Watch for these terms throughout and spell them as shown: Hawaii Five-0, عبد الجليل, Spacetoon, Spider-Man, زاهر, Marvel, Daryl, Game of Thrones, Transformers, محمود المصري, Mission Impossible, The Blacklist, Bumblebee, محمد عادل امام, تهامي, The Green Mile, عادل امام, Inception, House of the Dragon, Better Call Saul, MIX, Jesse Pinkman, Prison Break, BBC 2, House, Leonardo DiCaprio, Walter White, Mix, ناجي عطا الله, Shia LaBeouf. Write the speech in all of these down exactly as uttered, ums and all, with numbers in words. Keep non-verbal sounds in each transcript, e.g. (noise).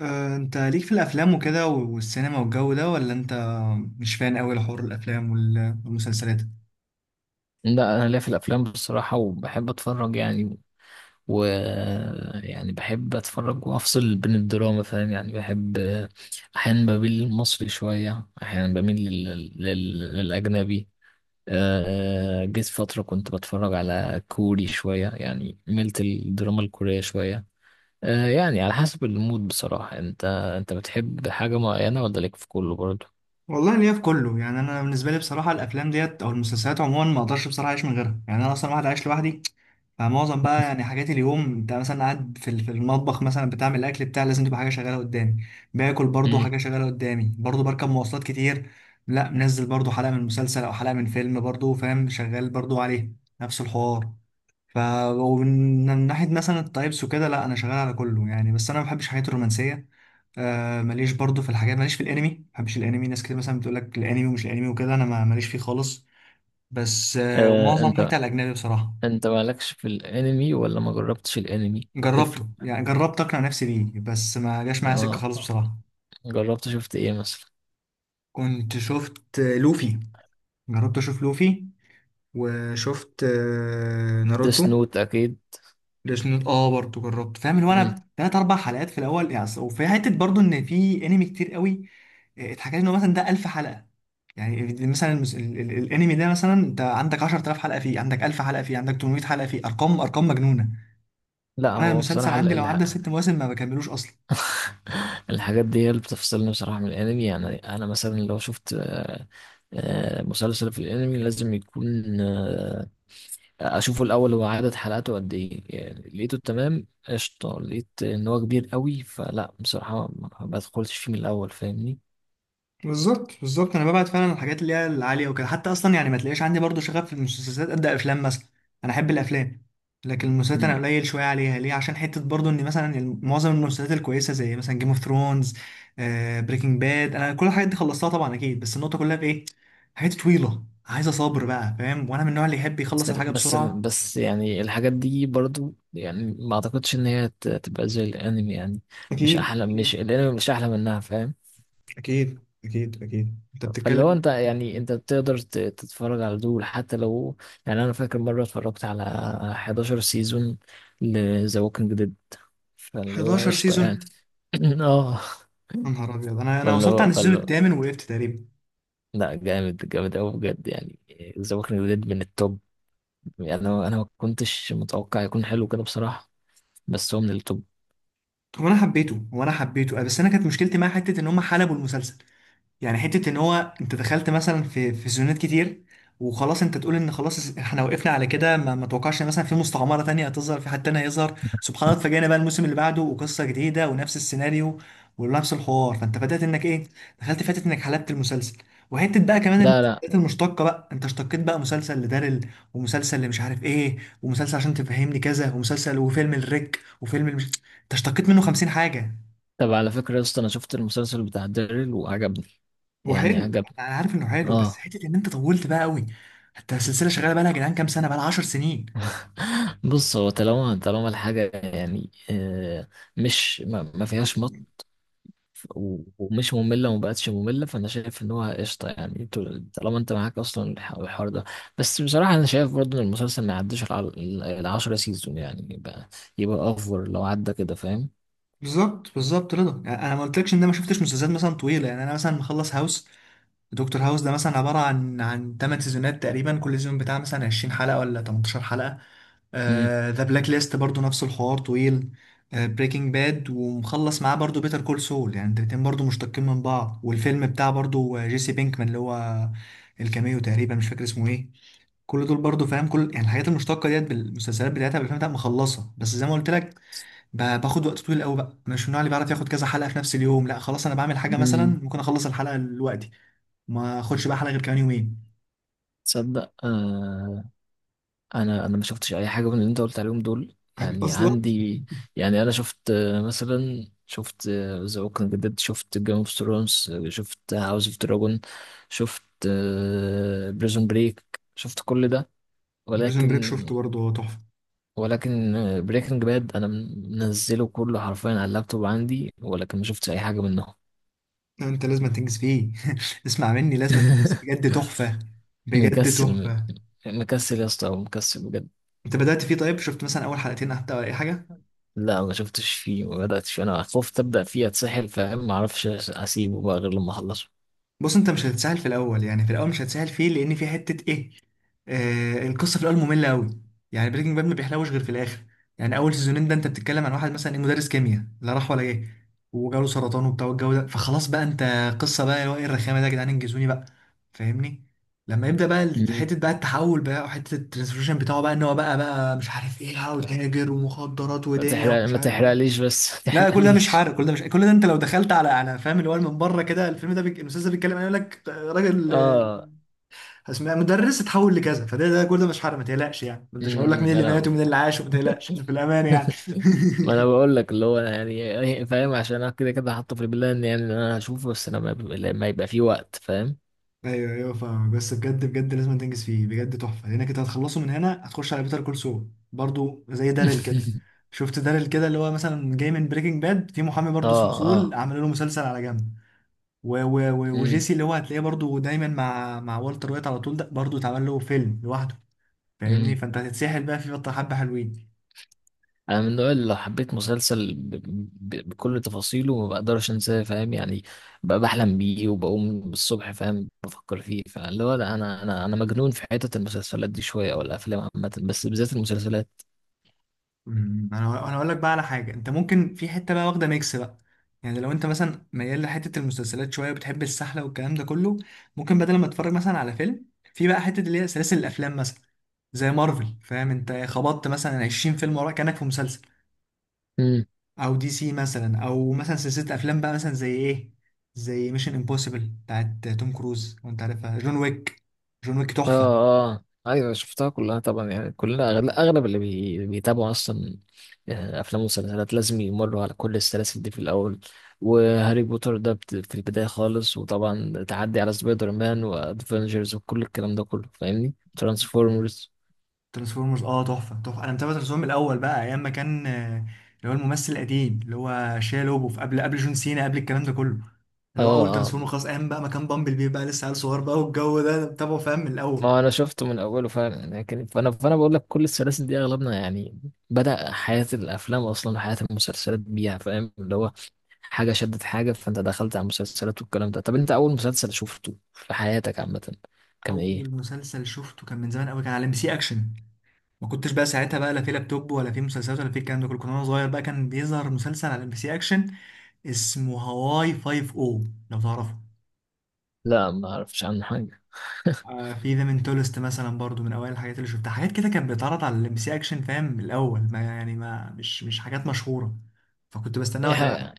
آه، انت ليك في الافلام وكده والسينما والجو ده، ولا انت مش فان قوي لحوار الافلام وال- والمسلسلات؟ لا، انا ليا في الافلام بصراحه وبحب اتفرج يعني و يعني بحب اتفرج وافصل بين الدراما، فاهم؟ يعني بحب احيانا بميل للمصري شويه، احيانا بميل لل... لل... للاجنبي. آه، جيت فتره كنت بتفرج على كوري شويه، يعني ميلت الدراما الكوريه شويه. آه، يعني على حسب المود بصراحه. انت انت بتحب حاجه معينه ولا ليك في كله برضه؟ والله ليا في كله. يعني انا بالنسبه لي بصراحه، الافلام ديت او المسلسلات عموما ما اقدرش بصراحه اعيش من غيرها. يعني انا اصلا واحد عايش لوحدي. فمعظم بقى (laughs) يعني حاجات اليوم، انت مثلا قاعد في ال- في المطبخ مثلا بتعمل الاكل بتاع، لازم تبقى حاجه شغاله قدامي. باكل برضو مم. حاجه شغاله قدامي، برضو بركب مواصلات كتير. لا منزل برضو حلقه من مسلسل او حلقه من فيلم، برضو فاهم، شغال برضو عليه نفس الحوار. ف ومن ناحية مثلا التايبس وكده، لا، أنا شغال على كله يعني، بس أنا ما بحبش الحاجات الرومانسية. آه ماليش برضو في الحاجات، ماليش في الأنمي، ما بحبش الأنمي. ناس كتير مثلا بتقول لك الأنمي ومش الأنمي وكده، أنا ما- ماليش فيه خالص. بس آه آه، ومعظم انت حاجتي على الأجنبي بصراحة. انت مالكش في الانمي ولا ما جربتش الانمي؟ تفرق. جربته يعني، جربت أقنع نفسي بيه، بس ما جاش معايا سكة اه خالص آه. بصراحة. جربت شفت ايه مثلا؟ كنت شفت آه، لوفي، جربت أشوف لوفي، وشفت آه، ناروتو. سنوت اكيد. ديسنوت اه برضه جربت، فاهم، اللي هو مم. انا تلات اربع حلقات في الاول يعني، أصل- وفي حته برضه ان في انمي كتير قوي. آه، اتحكى لي انه مثلا ده ألف حلقه. يعني مثلا المس- ال- ال- الانمي ده مثلا، انت عندك عشر تلاف حلقه، فيه عندك ألف حلقه، فيه عندك تمنمية حلقه، فيه ارقام ارقام مجنونه. لا وانا هو المسلسل بصراحة ال- عندي لو الح... عدى ست مواسم ما بكملوش اصلا. (laughs) الحاجات دي هي اللي بتفصلني بصراحة من الانمي. يعني انا مثلا لو شفت آه، آه، مسلسل في الانمي، لازم يكون آه، اشوفه الاول هو عدد حلقاته قد ايه. يعني لقيته تمام، قشطة. لقيت ان هو كبير قوي، فلا بصراحة ما ما بدخلش فيه من الاول، فاهمني؟ بالظبط بالظبط، انا ببعد فعلا عن الحاجات اللي هي العاليه وكده. حتى اصلا يعني ما تلاقيش عندي برضو شغف في المسلسلات قد افلام مثلا. انا احب الافلام. لكن المسلسلات انا قليل شويه عليها. ليه؟ عشان حته برضو ان مثلا الم- معظم المسلسلات الكويسه زي مثلا جيم اوف ثرونز، بريكنج باد، انا كل الحاجات دي خلصتها طبعا اكيد. بس النقطه كلها في ايه؟ حاجات طويله عايزه صبر بقى، فاهم، وانا من النوع اللي يحب بس يخلص الحاجه بس بسرعه. بس يعني الحاجات دي برضو يعني ما اعتقدش ان هي ت- تبقى زي الانمي. يعني مش أكيد، احلى، مش أكيد، الانمي مش احلى منها، فاهم؟ أكيد، أكيد، أكيد، أنت فاللي هو بتتكلم. انت، يعني انت بتقدر ت- تتفرج على دول حتى لو. يعني انا فاكر مره اتفرجت على حداشر سيزون لذا ووكينج ديد، فاللي هو احد عشر قشطه سيزون؟ يعني. (laughs) (clears throat) اه. يا نهار أبيض! أنا أنا فاللي وصلت هو عن السيزون فاللي هو الثامن وقفت تقريبا. لا، جامد جامد قوي بجد يعني. ذا ووكينج ديد من التوب. يعني انا انا ما كنتش متوقع يكون حلو كده بصراحه، بس هو من التوب. هو انا حبيته هو انا حبيته آه، بس انا كانت مشكلتي مع حته ان هم حلبوا المسلسل. يعني حتة ان هو انت دخلت مثلا في في سيزونات كتير، وخلاص انت تقول ان خلاص احنا وقفنا على كده، ما, ما توقعش ان مثلا في مستعمرة تانية هتظهر، في حد تاني هيظهر. سبحان الله، اتفاجئنا بقى الموسم اللي بعده وقصة جديدة ونفس السيناريو ونفس الحوار. فانت بدأت انك ايه، دخلت، فاتت انك حلبت المسلسل. وحتة بقى كمان لا لا. المسلسلات المشتقة بقى، انت اشتقيت بقى مسلسل لدارل، ومسلسل لمش عارف ايه، ومسلسل عشان تفهمني كذا، ومسلسل، وفيلم الريك، وفيلم المش... انت اشتقيت منه خمسين حاجة. طب على فكرة يا اسطى، أنا شفت المسلسل بتاع ديرل وعجبني، هو يعني حلو، عجبني. انا عارف انه حلو، بس اه. حته ان انت طولت بقى قوي. انت السلسله شغاله بقى لها يا جدعان، كام سنه بقى لها؟ عشر سنين. (laughs) بص هو، طالما طالما الحاجة يعني آه، مش ما ما فيهاش مط و- ومش مملة وما بقتش مملة، فأنا شايف إن هو قشطة. يعني طول- طالما أنت معاك أصلا الح- الحوار ده. بس بصراحة أنا شايف برضه إن المسلسل ما يعديش الع- ال- العشرة سيزون، يعني يبقى يبقى أوفر لو عدى كده، فاهم؟ بالظبط بالظبط، رضا، يعني انا ما قلتلكش ان انا ما شفتش مسلسلات مثلا طويله. يعني انا مثلا مخلص هاوس. دكتور هاوس ده مثلا عباره عن عن تمن سيزونات تقريبا، كل سيزون بتاع مثلا عشرين حلقه ولا تمنتاشر حلقه. مم. ذا بلاك ليست برضو نفس الحوار، طويل. بريكنج باد، ومخلص معاه برضو بيتر كول سول. يعني الاتنين برضو مشتقين من بعض. والفيلم بتاع برضو جيسي بينكمان، اللي هو الكاميو تقريبا مش فاكر اسمه ايه. كل دول برضو، فاهم، كل يعني الحاجات المشتقه ديت بالمسلسلات بتاعتها بالافلام بتاعتها مخلصه، بس زي ما قلت لك، ب- باخد وقت طويل قوي بقى. مش من النوع اللي بيعرف ياخد كذا حلقه في نفس اليوم. لا خلاص، انا بعمل حاجه مثلا، مم. ممكن اخلص الحلقه دلوقتي، ما اخدش بقى حلقه غير كمان يومين. تصدق، انا انا ما شفتش اي حاجه من اللي انت قلت عليهم دول، عارف يعني اصلا. عندي. يعني انا شفت آه، مثلا شفت آه، ذا ووكينج ديد، شفت جيم اوف ثرونز، شفت هاوس اوف دراجون، شفت آه، بريزون بريك، شفت كل ده، بريزون بريك ولكن. شفته برضه، هو تحفه. ولكن آه، بريكنج باد انا منزله كله حرفيا على اللابتوب عندي، ولكن ما شفتش اي حاجه منهم. لا، انت لازم تنجز فيه. (laughs) اسمع مني، لازم تنجز فيه (laughs) بجد، تحفه. بجد مكسل. تحفه. مكسل يا اسطى، مكسل بجد. انت بدأت فيه طيب؟ شفت مثلا اول حلقتين حتى ولا اي حاجه؟ لا، ما شفتش فيه، ما بدأتش، انا خفت ابدأ فيه اتسحل، فاهم؟ ما اعرفش اسيبه بقى غير لما اخلصه. بص، انت مش هتتسهل في الاول. يعني في الاول مش هتسهل فيه، لان في حته ايه، آه القصه في الاول ممله قوي. يعني بريكنج باد ما بيحلوش غير في الاخر. يعني اول سيزونين ده، انت بتتكلم عن واحد مثلا ايه، مدرس كيمياء لا راح ولا جه، وجاله سرطان وبتاع والجو ده. فخلاص بقى انت، قصه بقى اللي هو ايه الرخامه ده يا جدعان، انجزوني بقى. فاهمني. لما يبدا بقى ال- مم. حته بقى التحول بقى وحته الترانسفورميشن بتاعه بقى، ان هو بقى بقى مش عارف ايه، لا وتاجر ومخدرات ما ودنيا تحرق، ومش ما عارف ايه. تحرقليش بس. (laughs) ما لا، كل ده مش تحرقليش. حرق، كل ده مش كل ده انت لو دخلت على على فاهم اللي هو من بره كده، الفيلم ده بيك... الاستاذ ده بيتكلم عن- يقول لك آه، راجل، آه، اه. اسمه إيه؟ مدرس اتحول لكذا، فده ده كل ده مش حرق، ما تقلقش. يعني ما انتش هقول لك مين امم، اللي مات انا ومين (laughs) اللي عاش، وما تقلقش، إحنا في الامان يعني. (laughs) ما انا بقول لك اللي هو، يعني فاهم؟ عشان انا كده كده حاطه في البلان يعني، ان انا هشوفه، بس لما يبقى، لما يبقى في وقت، فاهم؟ ايوه ايوه فاهمك. بس بجد بجد لازم تنجز فيه بجد تحفه، لانك انت هتخلصه من هنا هتخش على بيتر كول سول برضو زي داريل كده. (laughs) شفت داريل كده اللي هو مثلا جاي من بريكنج باد. في محامي اه. برضو اسمه سول، اه. عملوا له مسلسل على جنب. و و و وجيسي اللي هو هتلاقيه برضو دايما مع مع والتر وايت على طول، ده برضو اتعمل له فيلم لوحده. فاهمني، امم. فانت هتتسحل بقى في بطة حبة حلوين. انا من النوع اللي لو حبيت مسلسل ب... ب... بكل تفاصيله، ما بقدرش انساه، فاهم يعني؟ بقى بحلم بيه وبقوم بالصبح فاهم بفكر فيه. فاللي هو لا، انا انا انا مجنون في حتة المسلسلات دي شوية، او الافلام عامة، بس بالذات المسلسلات. أمم، انا انا اقول لك بقى على حاجة، انت ممكن في حتة بقى واخدة ميكس بقى. يعني لو انت مثلا ميال لحتة المسلسلات شوية وبتحب السحلة والكلام ده كله، ممكن بدل ما تتفرج مثلا على فيلم، في بقى حتة اللي هي سلاسل الافلام مثلا، زي مارفل. فاهم، انت خبطت مثلا عشرين فيلم وراك كأنك في مسلسل. او دي سي مثلا، او مثلا سلسله افلام بقى مثلا زي ايه؟ زي ميشن امبوسيبل بتاعت توم كروز وانت عارفها، جون ويك. جون ويك اه. تحفه. اه. ايوه، شفتها كلها طبعا. يعني كلنا اغلب, أغلب اللي بي... بيتابعوا اصلا آه، افلام ومسلسلات لازم يمروا على كل السلاسل دي في الاول. وهاري بوتر ده بت... في البدايه خالص، وطبعا تعدي على سبايدر مان وادفنجرز وكل الكلام ده كله، فاهمني؟ ترانسفورمرز. ترانسفورمرز، اه تحفه تحفه. انا متابع ترانسفورمرز من الاول بقى، ايام ما كان، آه، اللي هو الممثل القديم اللي هو شيا لوبوف، قبل قبل جون سينا، قبل الكلام ده كله، اه اللي هو اول اه. ترانسفورمر. خلاص، ايام بقى ما كان بامبل بي بقى لسه عيل صغير بقى والجو ده، أنا متابعه فاهم من ما الاول. هو انا شفته من اوله فعلا. لكن فانا فانا بقول لك كل السلاسل دي اغلبنا يعني بدأ حياة الافلام، اصلا حياة المسلسلات بيها، فاهم؟ اللي هو حاجة شدت حاجة، فانت دخلت على المسلسلات والكلام ده. طب انت اول مسلسل شفته في حياتك عامة كان اول ايه؟ مسلسل شفته كان من زمان قوي، كان على ام بي سي اكشن. ما كنتش بقى ساعتها بقى لا في لابتوب ولا في مسلسلات ولا في الكلام ده كله، كنت وانا صغير بقى كان بيظهر مسلسل على ام بي سي اكشن اسمه هواي فايف، او لو تعرفه. لا، ما اعرفش عنه حاجة. آه في ذا منتولست مثلا برضو من اوائل الحاجات اللي شفتها. حاجات كده كانت بتتعرض على الام بي سي اكشن، فاهم، من الاول، ما يعني ما مش مش حاجات مشهوره، فكنت بستناها اي واتابعها. حاجة.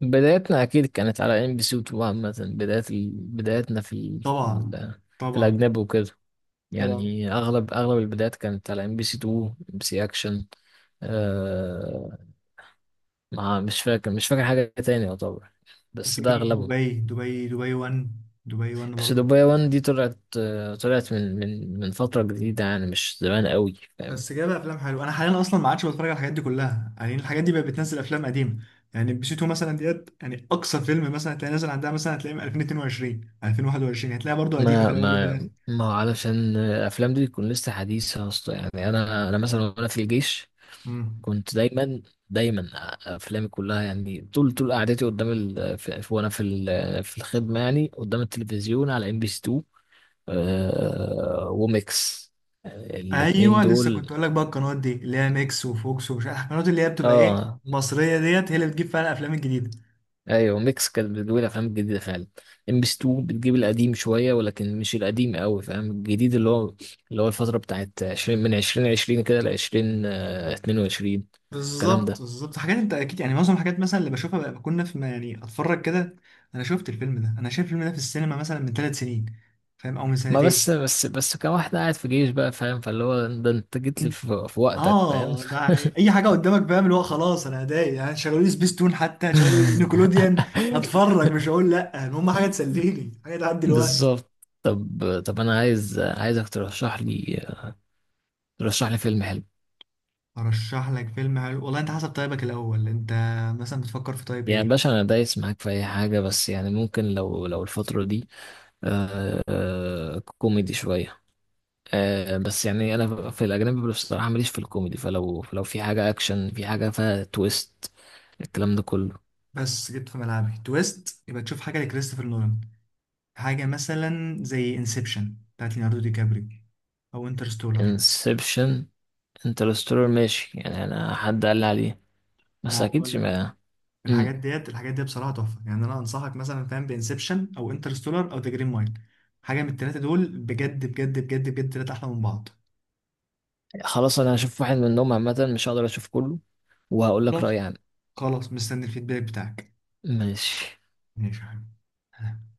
بدايتنا اكيد كانت على ام بي سي اتنين عامة. بداية ال... بدايتنا في ال... في, ال... طبعا، في طبعا، الاجنبي وكده. طبعا. يعني اغلب اغلب البدايات كانت على ام بي سي اتنين، ام بي سي اكشن. آه، ما مش فاكر مش فاكر حاجة تاني يعتبر، بس ده في أغلبهم. دبي دبي دبي واحد، دبي واحد بس برضو. دبي واحد دي طلعت، طلعت من من من فترة جديدة، يعني مش زمان قوي، فاهم؟ بس جايبه افلام حلوه. انا حاليا اصلا ما عادش بتفرج على الحاجات دي كلها، يعني الحاجات دي بقت بتنزل افلام قديمه. يعني بي سي اتنين مثلا ديت، يعني اقصى فيلم مثلا هتلاقي نازل عندها مثلا، هتلاقيه من ألفين واتنين وعشرين ألفين وواحد وعشرين، هتلاقيها برضو قديمه في ما الاول وفي ما الاخر. ما هو علشان الأفلام دي تكون لسه حديثة أصلا. يعني أنا أنا مثلا وأنا في الجيش امم كنت دايما دايما أفلامي كلها يعني، طول طول قعدتي قدام ال... في... في- وأنا في ال... في الخدمة يعني قدام التلفزيون على ام بي سي اتنين، وميكس، الاتنين ايوه، لسه دول. كنت اقول لك بقى، القنوات دي اللي هي ميكس وفوكس ومش عارف القنوات اللي هي بتبقى ايه، اه. مصريه ديت، هي اللي بتجيب فعلا الافلام الجديده. ايوه، ميكس كانت بتجيب الافلام الجديده فعلا. ام بي اتنين بتجيب القديم شويه، ولكن مش القديم قوي، فاهم؟ الجديد اللي هو اللي هو الفتره بتاعت عشرين من ألفين وعشرين كده ل ألفين واتنين وعشرين، الكلام بالظبط ده. بالظبط. حاجات انت اكيد يعني معظم الحاجات مثلا اللي بشوفها بقى بكون في، ما يعني، اتفرج كده. انا شفت الفيلم ده، انا شايف الفيلم ده في السينما مثلا من ثلاث سنين، فاهم، او من ما بس سنتين. بس بس كان واحد قاعد في جيش بقى، فاهم؟ فاللي هو ده انت جيت لي في, في وقتك، فاهم؟ اه، ده يعني اي حاجه قدامك، فاهم، اللي هو خلاص. انا ادائي يعني شغلوا لي سبيستون حتى، شغلوا لي نيكولوديان، (laughs) هتفرج مش هقول لا. المهم حاجه تسليني، حاجه تعدي الوقت. بالظبط. طب. طب انا عايز، عايزك ترشح لي ترشح لي فيلم حلو. ارشح لك فيلم حلو؟ والله انت حسب طيبك الاول، انت مثلا بتفكر في طيب ايه؟ يعني باشا انا دايس معاك في اي حاجه، بس يعني ممكن لو لو الفتره دي آه كوميدي شوية. آه بس يعني أنا في الأجنبي بصراحة ماليش في الكوميدي، فلو فلو في حاجة أكشن، في حاجة فيها تويست، الكلام ده كله. بس جيت في ملعبي. تويست يبقى تشوف حاجه لكريستوفر نولان. حاجه مثلا زي انسبشن بتاعت ليوناردو دي كابريو، او انترستولر. انسبشن. انترستولر ماشي، يعني أنا حد قال لي عليه، ما بس أكيد هو ما. مم. الحاجات ديت الحاجات دي بصراحه تحفه. يعني انا انصحك مثلا، فاهم، بانسبشن او انترستولار او ذا جرين مايل. حاجه من الثلاثه دول، بجد بجد بجد بجد، ثلاثه احلى من بعض. خلاص، أنا هشوف واحد منهم عامة، مش هقدر أشوف كله، وهقول لك رأيي خلاص. عنه. خلاص، مستني الفيدباك بتاعك. ماشي. ماشي يا حبيبي.